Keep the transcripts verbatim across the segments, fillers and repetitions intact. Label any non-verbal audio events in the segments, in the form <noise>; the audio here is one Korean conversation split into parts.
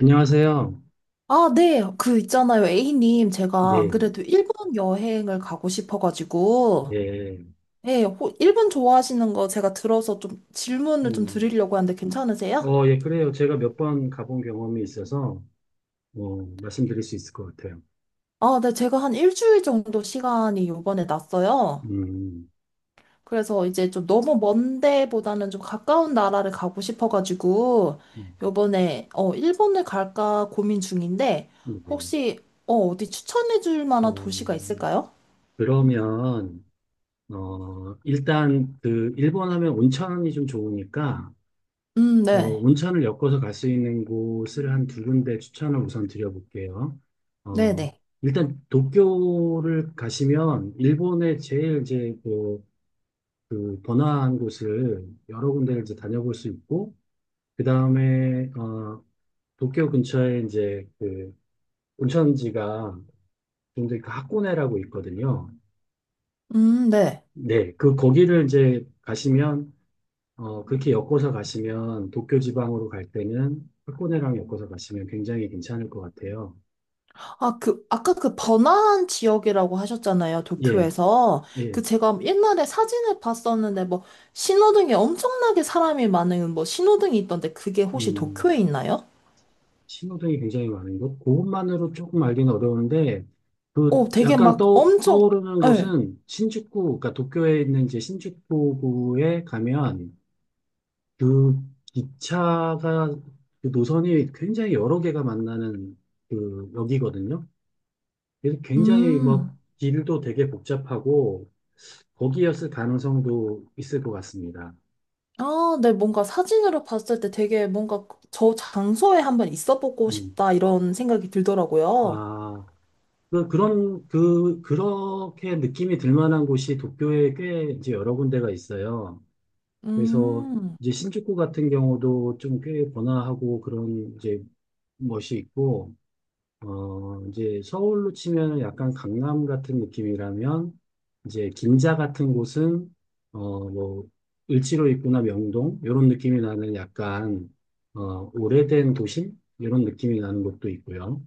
안녕하세요. 아, 네. 그 있잖아요. A님, 제가 안 네, 그래도 일본 여행을 가고 싶어가지고, 예. 네, 호- 일본 좋아하시는 거 제가 들어서 좀 질문을 좀 음, 드리려고 하는데 괜찮으세요? 어, 예, 그래요. 제가 몇 번 가본 경험이 있어서, 어, 말씀드릴 수 있을 것 같아요. 아, 네. 제가 한 일주일 정도 시간이 요번에 났어요. 음, 그래서 이제 좀 너무 먼 데보다는 좀 가까운 나라를 가고 싶어가지고, 음, 요번에, 어, 일본을 갈까 고민 중인데, 네. 혹시, 어, 어디 추천해 줄 만한 어, 도시가 있을까요? 그러면, 어, 일단, 그, 일본 하면 온천이 좀 좋으니까, 음, 어, 네. 온천을 엮어서 갈 수 있는 곳을 한 두 군데 추천을 우선 드려볼게요. 어, 네네. 일단, 도쿄를 가시면, 일본의 제일 이제, 그 그 번화한 곳을 여러 군데를 이제 다녀볼 수 있고 그 다음에 어 도쿄 근처에 이제 그 온천지가 굉장히 그 하코네라고 있거든요. 음, 네. 네, 그 거기를 이제 가시면 어 그렇게 엮어서 가시면 도쿄 지방으로 갈 때는 하코네랑 엮어서 가시면 굉장히 괜찮을 것 같아요. 아, 그, 아까 그 번화한 지역이라고 하셨잖아요, 예, 도쿄에서. 예, 그 제가 옛날에 사진을 봤었는데, 뭐, 신호등에 엄청나게 사람이 많은 뭐, 신호등이 있던데, 그게 혹시 음. 도쿄에 있나요? 신호등이 굉장히 많은 곳. 그것만으로 조금 알기는 어려운데, 그 오, 되게 약간 막 떠, 엄청, 떠오르는 예. 곳은 신주쿠, 그러니까 도쿄에 있는 이제 신주쿠구에 가면 그 기차가 그 노선이 굉장히 여러 개가 만나는 그 역이거든요. 그래서 굉장히 음. 막 길도 되게 복잡하고 거기였을 가능성도 있을 것 같습니다. 아, 네, 뭔가 사진으로 봤을 때 되게 뭔가 저 장소에 한번 있어 보고 음. 싶다, 이런 생각이 들더라고요. 아, 그, 그런, 그, 그렇게 느낌이 들 만한 곳이 도쿄에 꽤 이제 여러 군데가 있어요. 그래서 음. 이제 신주쿠 같은 경우도 좀 꽤 번화하고 그런 이제 멋이 있고, 어, 이제 서울로 치면 약간 강남 같은 느낌이라면, 이제 긴자 같은 곳은, 어, 뭐, 을지로 있구나 명동, 이런 느낌이 나는 약간, 어, 오래된 도심? 이런 느낌이 나는 곳도 있고요.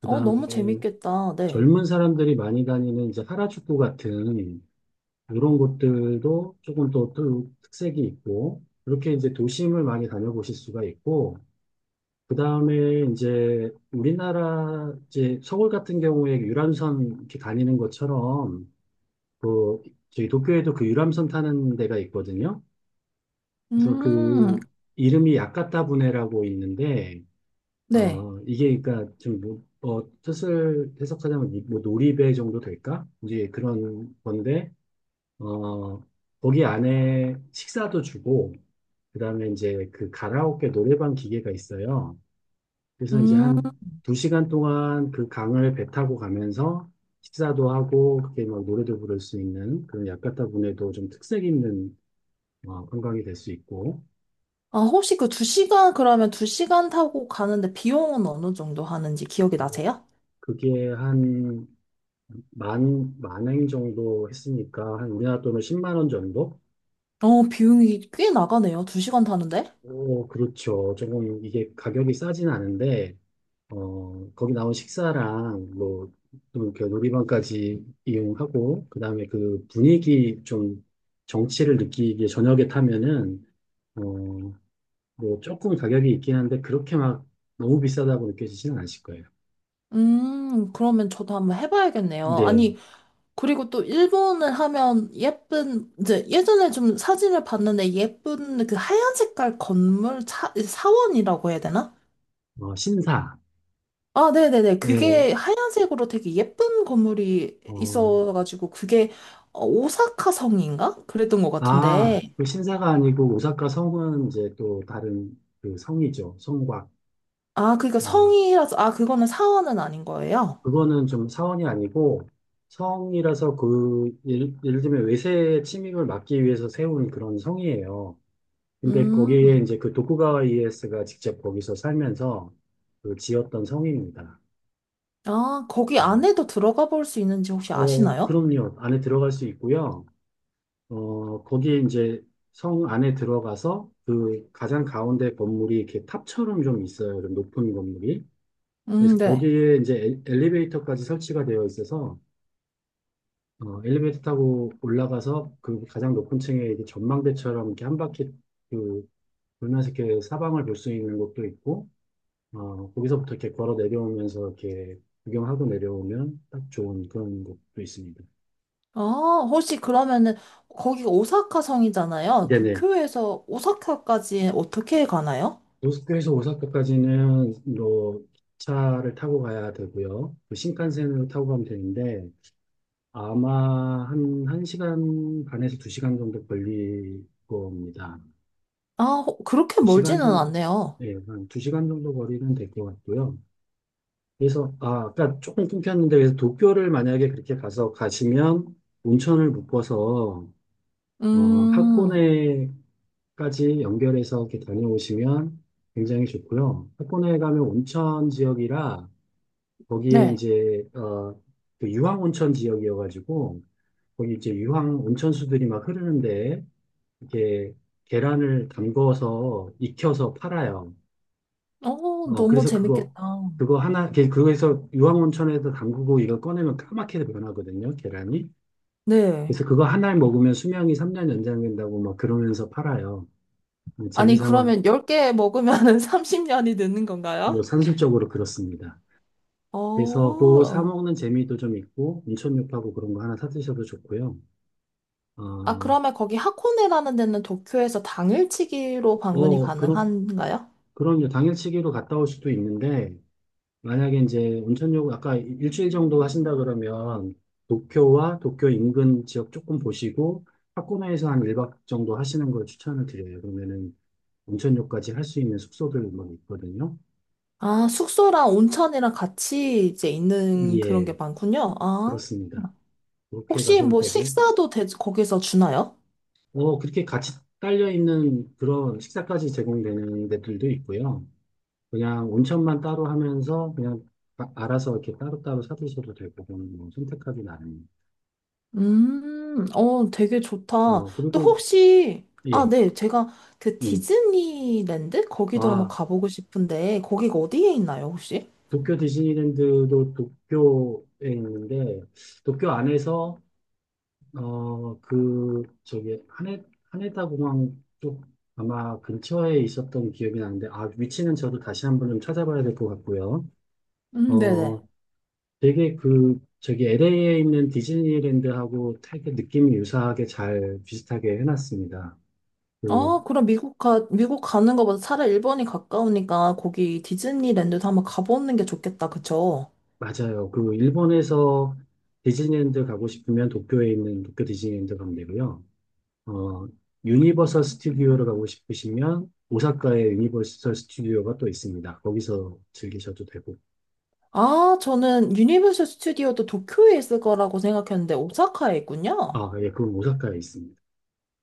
그 어, 다음에 너무 재밌겠다, 네. 젊은 사람들이 많이 다니는 이제 하라주쿠 같은 이런 곳들도 조금 더 또 특색이 있고, 이렇게 이제 도심을 많이 다녀보실 수가 있고, 그 다음에 이제 우리나라 이제 서울 같은 경우에 그 유람선 이렇게 다니는 것처럼, 그 저희 도쿄에도 그 유람선 타는 데가 있거든요. 그래서 음, 그 이름이 야카타부네라고 있는데, 네. 어, 이게 그러니까 좀 뭐, 어, 뜻을 해석하자면 이- 뭐 놀이배 정도 될까? 이제 그런 건데 어, 거기 안에 식사도 주고 그다음에 이제 그 가라오케 노래방 기계가 있어요. 그래서 이제 음. 한 두 시간 동안 그 강을 배 타고 가면서 식사도 하고 그게 막 노래도 부를 수 있는 그런 야카타 분에도 좀 특색 있는 어, 관광이 될 수 있고. 아, 혹시 그 두 시간 그러면 두 시간 타고 가는데 비용은 어느 정도 하는지 기억이 어, 나세요? 그게 한 만, 만행 정도 했으니까 한 우리나라 돈으로 십만 원 정도? 어, 비용이 꽤 나가네요. 두 시간 타는데? 오, 그렇죠. 조금 이게 가격이 싸진 않은데, 어, 거기 나온 식사랑 뭐, 또 이렇게 놀이방까지 이용하고, 그 다음에 그 분위기 좀 정취를 느끼기에 저녁에 타면은, 어, 뭐 조금 가격이 있긴 한데, 그렇게 막 너무 비싸다고 느껴지지는 않으실 거예요. 음, 그러면 저도 한번 해봐야겠네요. 근데, 아니, 그리고 또 일본을 하면 예쁜, 이제 예전에 좀 사진을 봤는데 예쁜 그 하얀 색깔 건물 사, 사원이라고 해야 되나? 어, 신사, 아, 네네네. 예, 그게 하얀색으로 되게 예쁜 건물이 어, 있어가지고 그게 어, 오사카 성인가? 그랬던 것 같은데. 아, 그 신사가 아니고 오사카 성은 이제 또 다른 그 성이죠. 성곽. 아, 그러니까 어, 성이라서, 아, 그거는 사원은 아닌 거예요? 그거는 좀 사원이 아니고 성이라서 그 예를, 예를 들면 외세의 침입을 막기 위해서 세운 그런 성이에요. 근데 음, 거기에 이제 그 도쿠가와 이에스가 직접 거기서 살면서 그 지었던 성입니다. 아, 거기 네. 안에도 들어가 볼 수 있는지 혹시 어, 아시나요? 그럼요. 안에 들어갈 수 있고요. 어, 거기에 이제 성 안에 들어가서 그 가장 가운데 건물이 이렇게 탑처럼 좀 있어요. 좀 높은 건물이. 음, 그래서 네. 거기에 이제 엘- 엘리베이터까지 설치가 되어 있어서 어, 엘리베이터 타고 올라가서 그 가장 높은 층에 이렇게 전망대처럼 이렇게 한 바퀴 그 돌면서 이렇게 사방을 볼 수 있는 곳도 있고 어, 거기서부터 이렇게 걸어 내려오면서 이렇게 구경하고 내려오면 딱 좋은 그런 곳도 있습니다. 아, 혹시 그러면은, 거기가 오사카 성이잖아요. 네네. 도쿄에서 오사카까지 어떻게 가나요? 모스크에서 오사카까지는 뭐 기차를 타고 가야 되고요. 그 신칸센으로 타고 가면 되는데 아마 한 1시간 반에서 두 시간 정도 걸릴 겁니다. 아, 호- 그렇게 두 시간 멀지는 정도, 않네요. 예, 한 두 시간 정도 거리는 될 것 같고요. 그래서 아, 아까 조금 끊겼는데 그래서 도쿄를 만약에 그렇게 가서 가시면 온천을 묶어서 어, 음, 학고네까지 연결해서 이렇게 다녀오시면 굉장히 좋고요. 학고네에 가면 온천 지역이라 거기에 네. 이제 어, 그 유황 온천 지역이어가지고 거기 이제 유황 온천수들이 막 흐르는데 이렇게 계란을 담궈서 익혀서 팔아요. 어, 어, 너무 그래서 재밌겠다. 그거 그거 하나 그- 그거에서 유황 온천에서 담그고 이걸 꺼내면 까맣게 변하거든요, 계란이. 네. 그래서 그거 하나를 먹으면 수명이 삼 년 연장된다고 막 그러면서 팔아요. 아니, 재미삼아 그러면 열 개 먹으면은 삼십 년이 <laughs> 느는 건가요? 뭐 산술적으로 그렇습니다. 그래서 그 사 어, 먹는 재미도 좀 있고 온천육하고 그런 거 하나 사 드셔도 좋고요. 아, 어, 그러면 거기 하코네라는 데는 도쿄에서 당일치기로 방문이 어, 그럼, 가능한가요? 그럼요. 당일치기로 갔다 올 수도 있는데, 만약에 이제 온천요 아까 일주일 정도 하신다 그러면, 도쿄와 도쿄 인근 지역 조금 보시고, 홋카이도에서 한 일 박 정도 하시는 걸 추천을 드려요. 그러면은 온천요까지 할 수 있는 숙소들 막 있거든요. 아, 숙소랑 온천이랑 같이 이제 있는 그런 게 예, 많군요. 아, 그렇습니다. 그렇게 혹시 가셔도 뭐 되고, 식사도 대- 거기서 주나요? 어, 그렇게 같이 딸려 있는 그런 식사까지 제공되는 데들도 있고요. 그냥 온천만 따로 하면서 그냥 아- 알아서 이렇게 따로따로 사드셔도 되고, 그건 뭐 선택하기 나름. 음, 어, 되게 좋다. 어, 또 그리고, 혹시, 아, 예, 네, 제가 그 음. 디즈니랜드? 거기도 한번 아, 가보고 싶은데, 거기가 어디에 있나요, 혹시? 도쿄 디즈니랜드도 도쿄에 있는데, 도쿄 안에서, 어, 그, 저기, 하네, 하네다 공항 쪽 아마 근처에 있었던 기억이 나는데, 아, 위치는 저도 다시 한번 좀 찾아봐야 될 것 같고요. 음, 네네. 어, 되게 그 저기 엘에이에 있는 디즈니랜드하고 되게 느낌이 유사하게 잘 비슷하게 해놨습니다. 그 아, 그럼 미국 가, 미국 가는 거보다 차라리 일본이 가까우니까 거기 디즈니랜드도 한번 가보는 게 좋겠다, 그쵸? 맞아요. 그 일본에서 디즈니랜드 가고 싶으면 도쿄에 있는 도쿄 디즈니랜드 가면 되고요. 어 유니버설 스튜디오를 가고 싶으시면 오사카에 유니버설 스튜디오가 또 있습니다. 거기서 즐기셔도 되고. 아, 저는 유니버설 스튜디오도 도쿄에 있을 거라고 생각했는데 오사카에 있군요. 아, 예, 그건 오사카에 있습니다.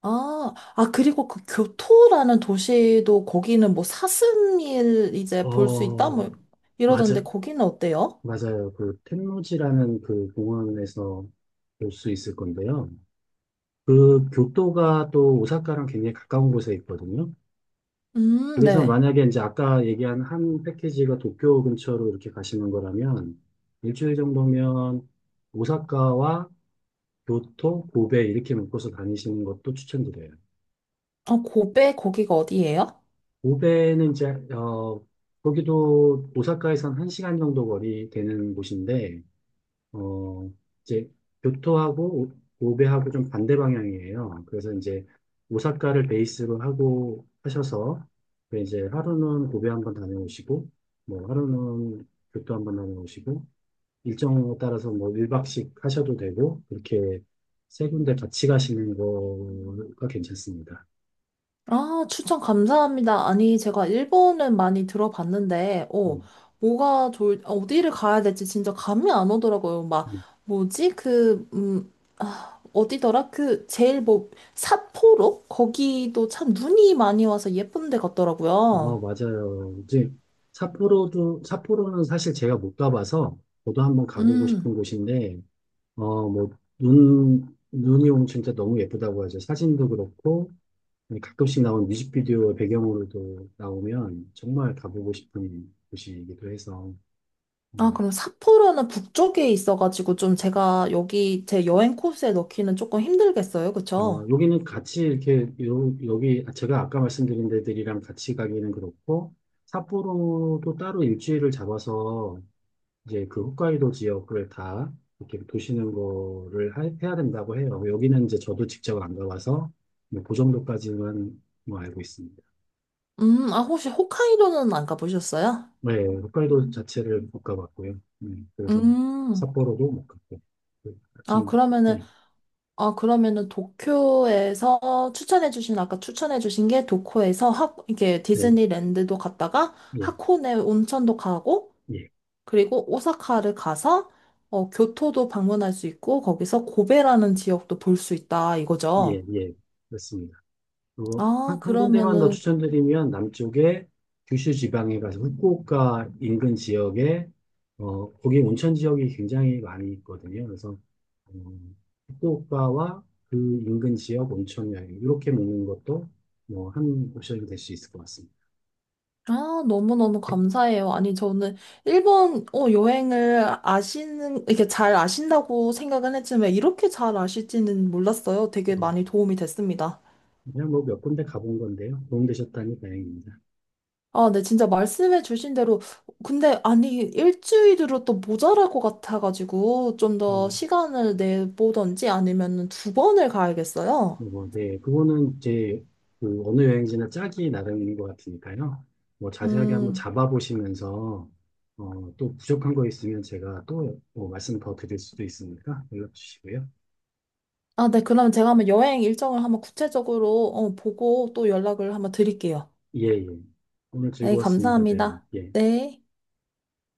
아, 아, 그리고 그 교토라는 도시도 거기는 뭐 사슴일 이제 볼 수 있다? 뭐 어, 이러던데 맞아, 거기는 어때요? 맞아요. 그 텐노지라는 그 공원에서 볼 수 있을 건데요. 그 교토가 또 오사카랑 굉장히 가까운 곳에 있거든요. 음, 그래서 네. 만약에 이제 아까 얘기한 한 패키지가 도쿄 근처로 이렇게 가시는 거라면 일주일 정도면 오사카와 교토, 고베 이렇게 묶어서 다니시는 것도 추천드려요. 아, 고베 거기가 어디예요? 고베는 이제 어 거기도 오사카에선 한시간 정도 거리 되는 곳인데 어, 이제 교토하고 오- 오베하고 좀 반대 방향이에요. 그래서 이제 오사카를 베이스로 하고 하셔서 그 이제 하루는 고베 한번 다녀오시고 뭐 하루는 교토 한번 다녀오시고 일정에 따라서 뭐 일 박씩 하셔도 되고 그렇게 세 군데 같이 가시는 거가 괜찮습니다. 아, 추천 감사합니다. 아니, 제가 일본은 많이 들어봤는데, 어, 음, 뭐가 좋을, 어, 어디를 가야 될지 진짜 감이 안 오더라고요. 막, 음. 뭐지? 그, 음, 아, 어디더라? 그, 제일 뭐, 삿포로? 거기도 참 눈이 많이 와서 예쁜 데 같더라고요. 어, 맞아요. 이제 삿포로도 삿포로는 사실 제가 못 가봐서 저도 한번 가보고 싶은 음. 곳인데 어, 뭐, 눈, 눈이 오면 진짜 너무 예쁘다고 하죠. 사진도 그렇고, 가끔씩 나온 뮤직비디오 배경으로도 나오면 정말 가보고 싶은 곳이기도 해서. 아, 음. 그럼 삿포로는 북쪽에 있어가지고 좀 제가 여기 제 여행 코스에 넣기는 조금 힘들겠어요. 어, 그쵸? 여기는 같이 이렇게, 요, 여기, 아, 제가 아까 말씀드린 데들이랑 같이 가기는 그렇고, 삿포로도 따로 일주일을 잡아서 이제 그 홋카이도 지역을 다 이렇게 도시는 거를 하- 해야 된다고 해요. 여기는 이제 저도 직접 안 가봐서 뭐그 정도까지만 뭐 알고 있습니다. 음, 아, 혹시 홋카이도는 안 가보셨어요? 네, 홋카이도 자체를 못 가봤고요. 음, 그래서 음. 삿포로도 못 갔고. 그, 아, 지금, 그러면은 예, 아, 그러면은 도쿄에서 추천해주신, 아까 추천해주신 게 도쿄에서 하, 이게 네, 디즈니랜드도 갔다가 예, 하코네 온천도 가고, 예, 그리고 오사카를 가서, 어, 교토도 방문할 수 있고, 거기서 고베라는 지역도 볼 수 있다, 이거죠. 예, 예, 그렇습니다. 그리고 아, 한, 한 군데만 더 그러면은, 추천드리면 남쪽에 규슈 지방에 가서 후쿠오카 인근 지역에 어, 거기 온천 지역이 굉장히 많이 있거든요. 그래서 음, 후쿠오카와 그 인근 지역 온천 여행 이렇게 먹는 것도 뭐 한 옵션이 될 수 있을 것 같습니다. 아, 너무너무 감사해요. 아니, 저는 일본, 어, 여행을 아시는, 이렇게 잘 아신다고 생각은 했지만, 이렇게 잘 아실지는 몰랐어요. 되게 어, 많이 도움이 됐습니다. 그냥 뭐 몇 군데 가본 건데요. 도움되셨다니 다행입니다. 아, 네, 진짜 말씀해 주신 대로. 근데, 아니, 일주일으로 또 모자랄 것 같아가지고, 좀 더 뭐, 시간을 내보던지 아니면 두 번을 가야겠어요. 뭐, 뭐, 네. 그거는 이제 그 어느 여행지나 짝이 나름인 것 같으니까요. 뭐 자세하게 한번 음, 잡아보시면서 어, 또 부족한 거 있으면 제가 또뭐 말씀 더 드릴 수도 있으니까 연락 주시고요. 아, 네, 그럼 제가 한번 여행 일정을 한번 구체적으로 어, 보고 또 연락을 한번 드릴게요. 예, 예. 오늘 네, 즐거웠습니다. 대화. 감사합니다. 예. 네.